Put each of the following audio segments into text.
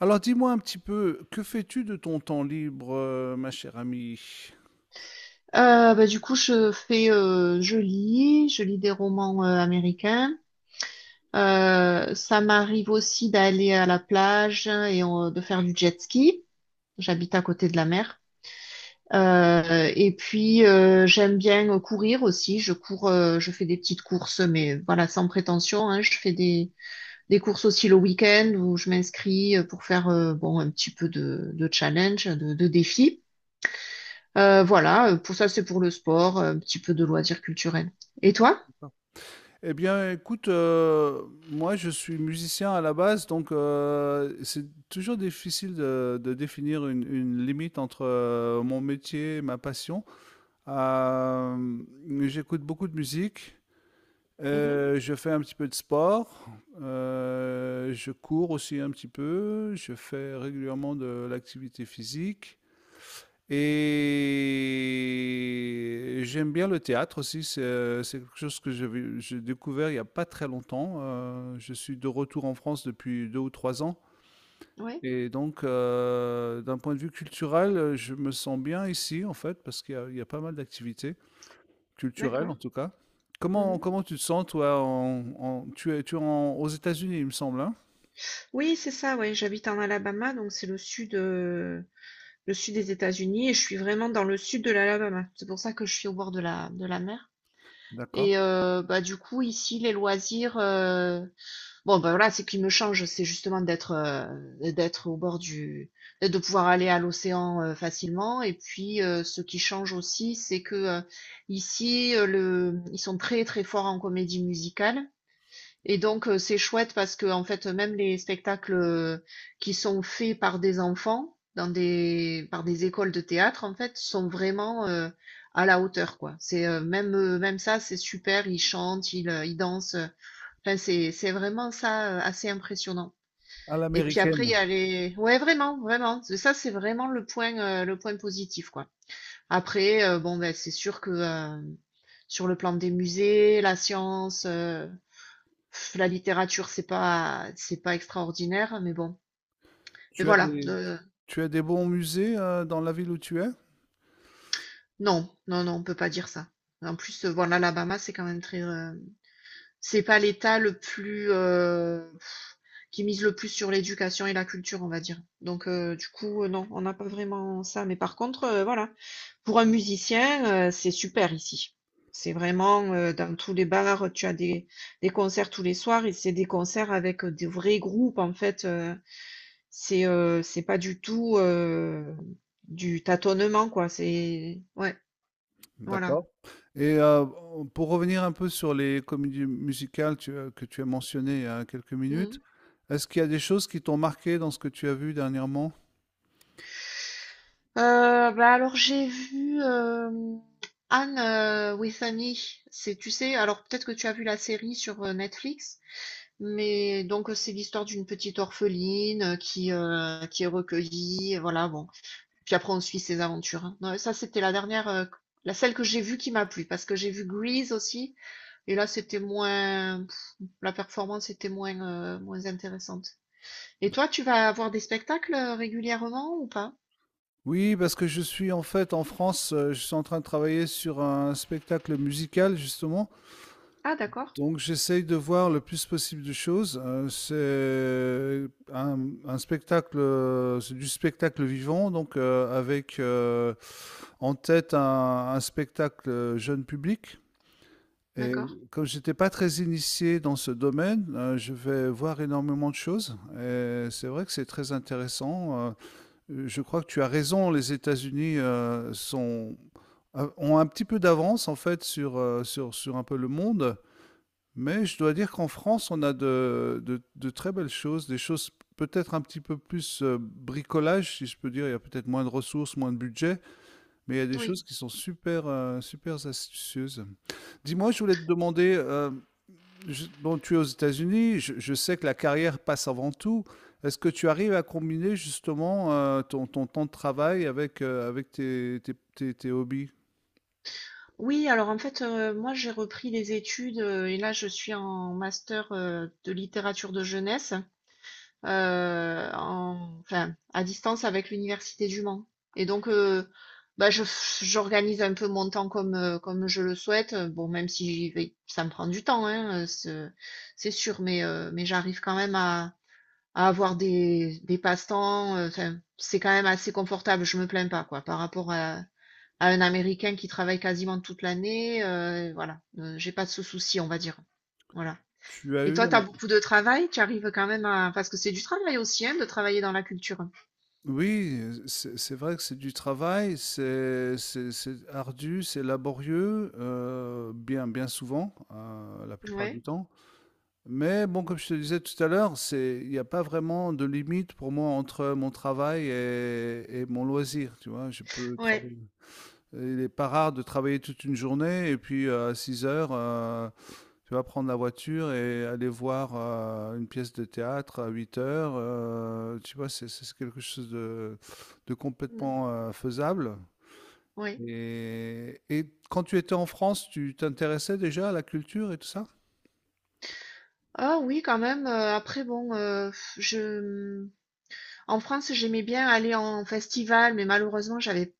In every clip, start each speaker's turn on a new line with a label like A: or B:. A: Alors dis-moi un petit peu, que fais-tu de ton temps libre, ma chère amie?
B: Du coup, je fais, je lis des romans américains. Ça m'arrive aussi d'aller à la plage et de faire du jet ski. J'habite à côté de la mer. Et puis, j'aime bien courir aussi. Je cours, je fais des petites courses, mais voilà, sans prétention, hein. Des courses aussi le week-end où je m'inscris pour faire bon un petit peu de challenge, de défi. Voilà, pour ça, c'est pour le sport, un petit peu de loisirs culturels. Et toi?
A: Eh bien, écoute, moi je suis musicien à la base, donc c'est toujours difficile de définir une limite entre mon métier et ma passion. Euh, J'écoute beaucoup de musique,
B: Mhm.
A: je fais un petit peu de sport, je cours aussi un petit peu, je fais régulièrement de l'activité physique. Et j'aime bien le théâtre aussi, c'est quelque chose que j'ai découvert il n'y a pas très longtemps. Je suis de retour en France depuis 2 ou 3 ans.
B: Oui,
A: Et donc, d'un point de vue culturel, je me sens bien ici, en fait, parce qu'il y a pas mal d'activités culturelles, en
B: d'accord.
A: tout cas. Comment,
B: Mhm.
A: comment tu te sens, toi, tu es aux États-Unis, il me semble, hein?
B: Oui, c'est ça, oui. J'habite en Alabama, donc c'est le sud des États-Unis, et je suis vraiment dans le sud de l'Alabama. C'est pour ça que je suis au bord de la mer.
A: D'accord.
B: Et bah du coup, ici, bon, ben voilà, ce qui me change, c'est justement d'être au de pouvoir aller à l'océan facilement. Et puis, ce qui change aussi, c'est que ici, ils sont très très forts en comédie musicale. Et donc, c'est chouette parce que en fait, même les spectacles qui sont faits par des enfants dans des par des écoles de théâtre, en fait, sont vraiment à la hauteur, quoi. C'est même Même ça, c'est super. Ils chantent, ils dansent. Enfin, c'est vraiment ça, assez impressionnant.
A: À
B: Et puis après, il
A: l'américaine.
B: y a les ouais, vraiment, vraiment. C'est ça, c'est vraiment le point positif, quoi. Après, bon, ben c'est sûr que, sur le plan des musées, la science, la littérature, c'est pas extraordinaire, mais bon. Mais
A: Tu as
B: voilà,
A: des, tu as des bons musées, dans la ville où tu es?
B: non, non, non, on peut pas dire ça. En plus, voilà, l'Alabama, c'est quand même très, c'est pas l'État le plus qui mise le plus sur l'éducation et la culture, on va dire. Donc du coup, non, on n'a pas vraiment ça. Mais par contre, voilà, pour un musicien, c'est super ici. C'est vraiment dans tous les bars, des concerts tous les soirs et c'est des concerts avec des vrais groupes en fait. C'est pas du tout du tâtonnement quoi. C'est ouais, voilà.
A: D'accord. Et pour revenir un peu sur les comédies musicales tu as que tu as mentionnées il y a quelques minutes,
B: Mm.
A: est-ce qu'il y a des choses qui t'ont marqué dans ce que tu as vu dernièrement?
B: Bah alors j'ai vu Anne with an E. C'est, tu sais, alors peut-être que tu as vu la série sur Netflix, mais donc c'est l'histoire d'une petite orpheline qui est recueillie, et voilà bon. Puis après on suit ses aventures. Hein. Non, ça c'était la dernière, la celle que j'ai vue qui m'a plu parce que j'ai vu Grease aussi et là c'était moins, pff, la performance était moins moins intéressante. Et toi tu vas avoir des spectacles régulièrement ou pas?
A: Oui, parce que je suis en fait en France, je suis en train de travailler sur un spectacle musical justement,
B: Ah d'accord,
A: donc j'essaye de voir le plus possible de choses. C'est un un spectacle, c'est du spectacle vivant donc avec, en tête un spectacle, jeune public. Et
B: d'accord,
A: comme j'étais pas très initié dans ce domaine, je vais voir énormément de choses. Et c'est vrai que c'est très intéressant. Je crois que tu as raison, les États-Unis ont un petit peu d'avance en fait sur un peu le monde. Mais je dois dire qu'en France, on a de très belles choses, des choses peut-être un petit peu plus bricolage, si je peux dire. Il y a peut-être moins de ressources, moins de budget, mais il y a des
B: oui.
A: choses qui sont super, super astucieuses. Dis-moi, je voulais te demander, bon, tu es aux États-Unis, je sais que la carrière passe avant tout. Est-ce que tu arrives à combiner justement ton temps de travail avec, avec tes hobbies?
B: Oui, alors en fait, moi j'ai repris les études, et là je suis en master, de littérature de jeunesse, heu, en enfin à distance avec l'université du Mans et donc bah, je j'organise un peu mon temps comme, comme je le souhaite, bon même si j'y vais ça me prend du temps, hein, ce c'est sûr mais j'arrive quand même à avoir des passe-temps, enfin c'est quand même assez confortable, je me plains pas quoi par rapport à un Américain qui travaille quasiment toute l'année, voilà, j'ai pas de ce souci, on va dire. Voilà.
A: Tu as
B: Et
A: eu...
B: toi, tu as
A: un-
B: beaucoup de travail? Tu arrives quand même à parce que c'est du travail aussi, hein, de travailler dans la culture?
A: Oui, c'est vrai que c'est du travail, c'est ardu, c'est laborieux, bien souvent, la plupart du
B: Ouais,
A: temps. Mais bon, comme je te disais tout à l'heure, c'est, il n'y a pas vraiment de limite pour moi entre mon travail et mon loisir, tu vois, je peux
B: ouais,
A: travailler. Il n'est pas rare de travailler toute une journée et puis à 6 heures, tu vas prendre la voiture et aller voir une pièce de théâtre à 8 heures. Tu vois, c'est quelque chose de
B: mmh,
A: complètement faisable.
B: ouais.
A: Et quand tu étais en France, tu t'intéressais déjà à la culture et tout ça?
B: Ah oui, quand même, après bon, je, mmh, en France, j'aimais bien aller en festival, mais malheureusement,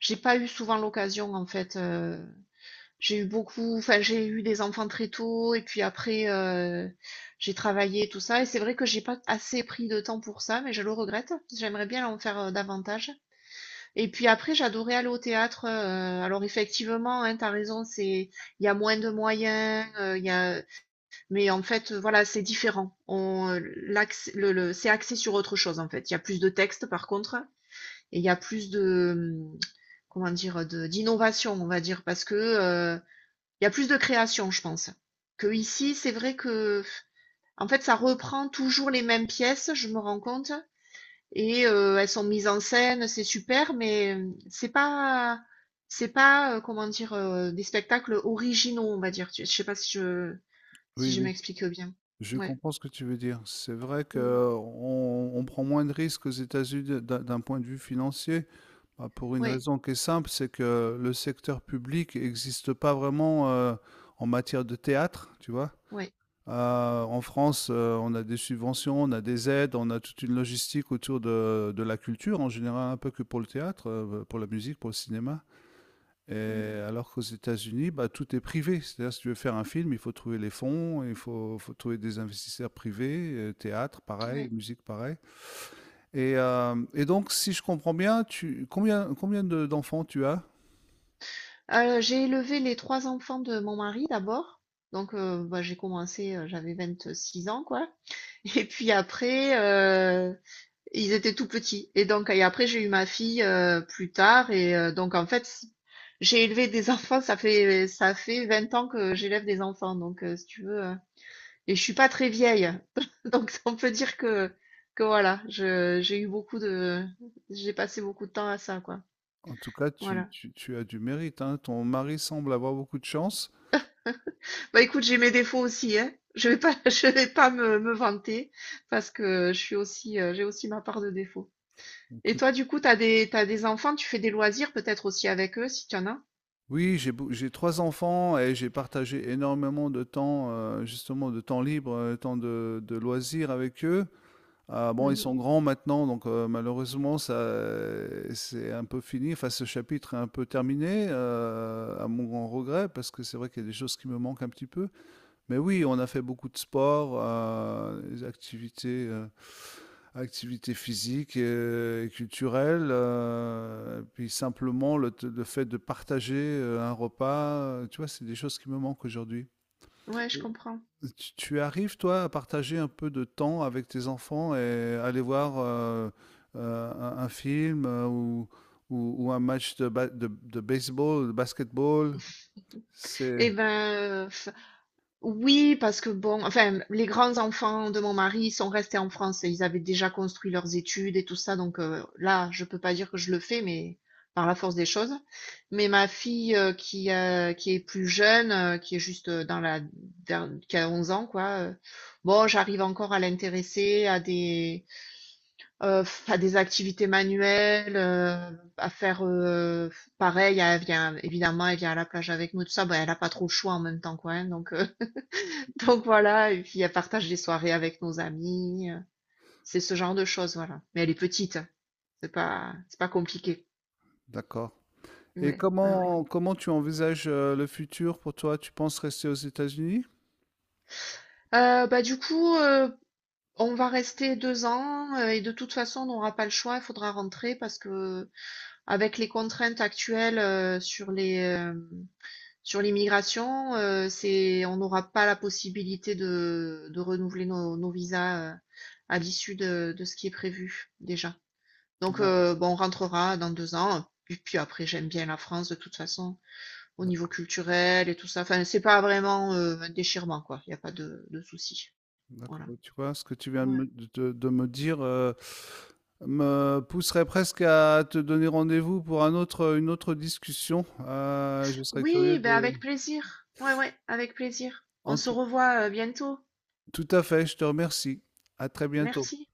B: j'ai pas eu souvent l'occasion en fait, j'ai eu beaucoup, enfin j'ai eu des enfants très tôt et puis après j'ai travaillé tout ça et c'est vrai que j'ai pas assez pris de temps pour ça mais je le regrette. J'aimerais bien en faire davantage. Et puis après j'adorais aller au théâtre. Alors effectivement, hein, t'as raison, c'est il y a moins de moyens, il y a mais en fait voilà c'est différent. On l'accès- le- C'est axé sur autre chose en fait. Il y a plus de textes par contre et il y a plus de comment dire de d'innovation on va dire parce que il y a plus de création, je pense. Que ici, c'est vrai que, en fait, ça reprend toujours les mêmes pièces, je me rends compte. Et elles sont mises en scène, c'est super, mais c'est pas, comment dire, des spectacles originaux, on va dire. Je sais pas si je, si
A: Oui,
B: je
A: oui.
B: m'explique bien.
A: Je
B: Ouais,
A: comprends ce que tu veux dire. C'est vrai qu'
B: Mm.
A: on prend moins de risques aux États-Unis d'un point de vue financier. Bah, pour une
B: ouais,
A: raison qui est simple, c'est que le secteur public n'existe pas vraiment en matière de théâtre, tu vois.
B: ouais,
A: En France, on a des subventions, on a des aides, on a toute une logistique autour de la culture, en général un peu que pour le théâtre, pour la musique, pour le cinéma. Et
B: Mm.
A: alors qu'aux États-Unis, bah, tout est privé. C'est-à-dire, si tu veux faire un film, il faut trouver les fonds, faut trouver des investisseurs privés, théâtre, pareil,
B: ouais.
A: musique, pareil. Et donc, si je comprends bien, combien d'enfants tu as?
B: J'ai élevé les 3 enfants de mon mari d'abord. Donc, bah, j'ai commencé, j'avais 6 ans, quoi. Et puis après, ils étaient tout petits. Et donc, et après, j'ai eu ma fille plus tard. Et donc, en fait, j'ai élevé des enfants. Ça fait 20 ans que j'élève des enfants. Donc, si tu veux. Et je suis pas très vieille. Donc, on peut dire que voilà, j'ai eu beaucoup de. J'ai passé beaucoup de temps à ça, quoi.
A: En tout cas,
B: Voilà.
A: tu as du mérite, hein. Ton mari semble avoir beaucoup de chance.
B: Bah, écoute, j'ai mes défauts aussi, hein. Je vais pas, je vais pas me vanter parce que je suis aussi, j'ai aussi ma part de défauts. Et toi,
A: Écoute,
B: du coup, t'as des enfants, tu fais des loisirs peut-être aussi avec eux, si tu en as?
A: oui, j'ai trois enfants et j'ai partagé énormément de temps, justement, de temps libre, temps de loisirs avec eux. Ah, bon, ils
B: Mmh.
A: sont grands maintenant, donc malheureusement, ça, c'est un peu fini. Enfin, ce chapitre est un peu terminé, à mon grand regret, parce que c'est vrai qu'il y a des choses qui me manquent un petit peu. Mais oui, on a fait beaucoup de sport, des activités. Activité physique et culturelle, puis simplement le, le fait de partager un repas, tu vois, c'est des choses qui me manquent aujourd'hui.
B: Ouais, je comprends.
A: Tu arrives, toi, à partager un peu de temps avec tes enfants et aller voir un film ou un match de, de baseball, de basketball? C'est...
B: Et ben, oui, parce que bon, enfin, les grands-enfants de mon mari sont restés en France et ils avaient déjà construit leurs études et tout ça donc là, je peux pas dire que je le fais mais par la force des choses. Mais ma fille, qui est plus jeune, qui est juste, dans la dern qui a 11 ans quoi, bon, j'arrive encore à l'intéresser à des activités manuelles, à faire, pareil, elle vient évidemment, elle vient à la plage avec nous, tout ça. Bah, elle a pas trop le choix en même temps, quoi, hein, donc donc voilà et puis elle partage des soirées avec nos amis, c'est ce genre de choses, voilà. Mais elle est petite, hein, c'est pas compliqué.
A: D'accord. Et
B: Ouais, ouais, ouais.
A: comment tu envisages le futur pour toi? Tu penses rester aux États-Unis?
B: Bah, du coup, on va rester 2 ans, et de toute façon, on n'aura pas le choix, il faudra rentrer parce que avec les contraintes actuelles, sur les, hem sur l'immigration, on n'aura pas la possibilité de renouveler nos, nos visas à l'issue de ce qui est prévu déjà. Donc,
A: Ah,
B: bon, on rentrera dans 2 ans. Et puis après, j'aime bien la France de toute façon, au niveau culturel et tout ça. Enfin, c'est pas vraiment un déchirement, quoi. Il n'y a pas de souci.
A: d'accord,
B: Voilà.
A: bah, tu vois, ce que tu viens
B: Ouais.
A: de me dire, me pousserait presque à te donner rendez-vous pour un autre, une autre discussion. Je serais curieux
B: Oui, ben
A: de
B: avec plaisir. Ouais, ouais, avec plaisir. On
A: en
B: se
A: tout
B: revoit bientôt.
A: tout à fait, je te remercie. À très bientôt.
B: Merci.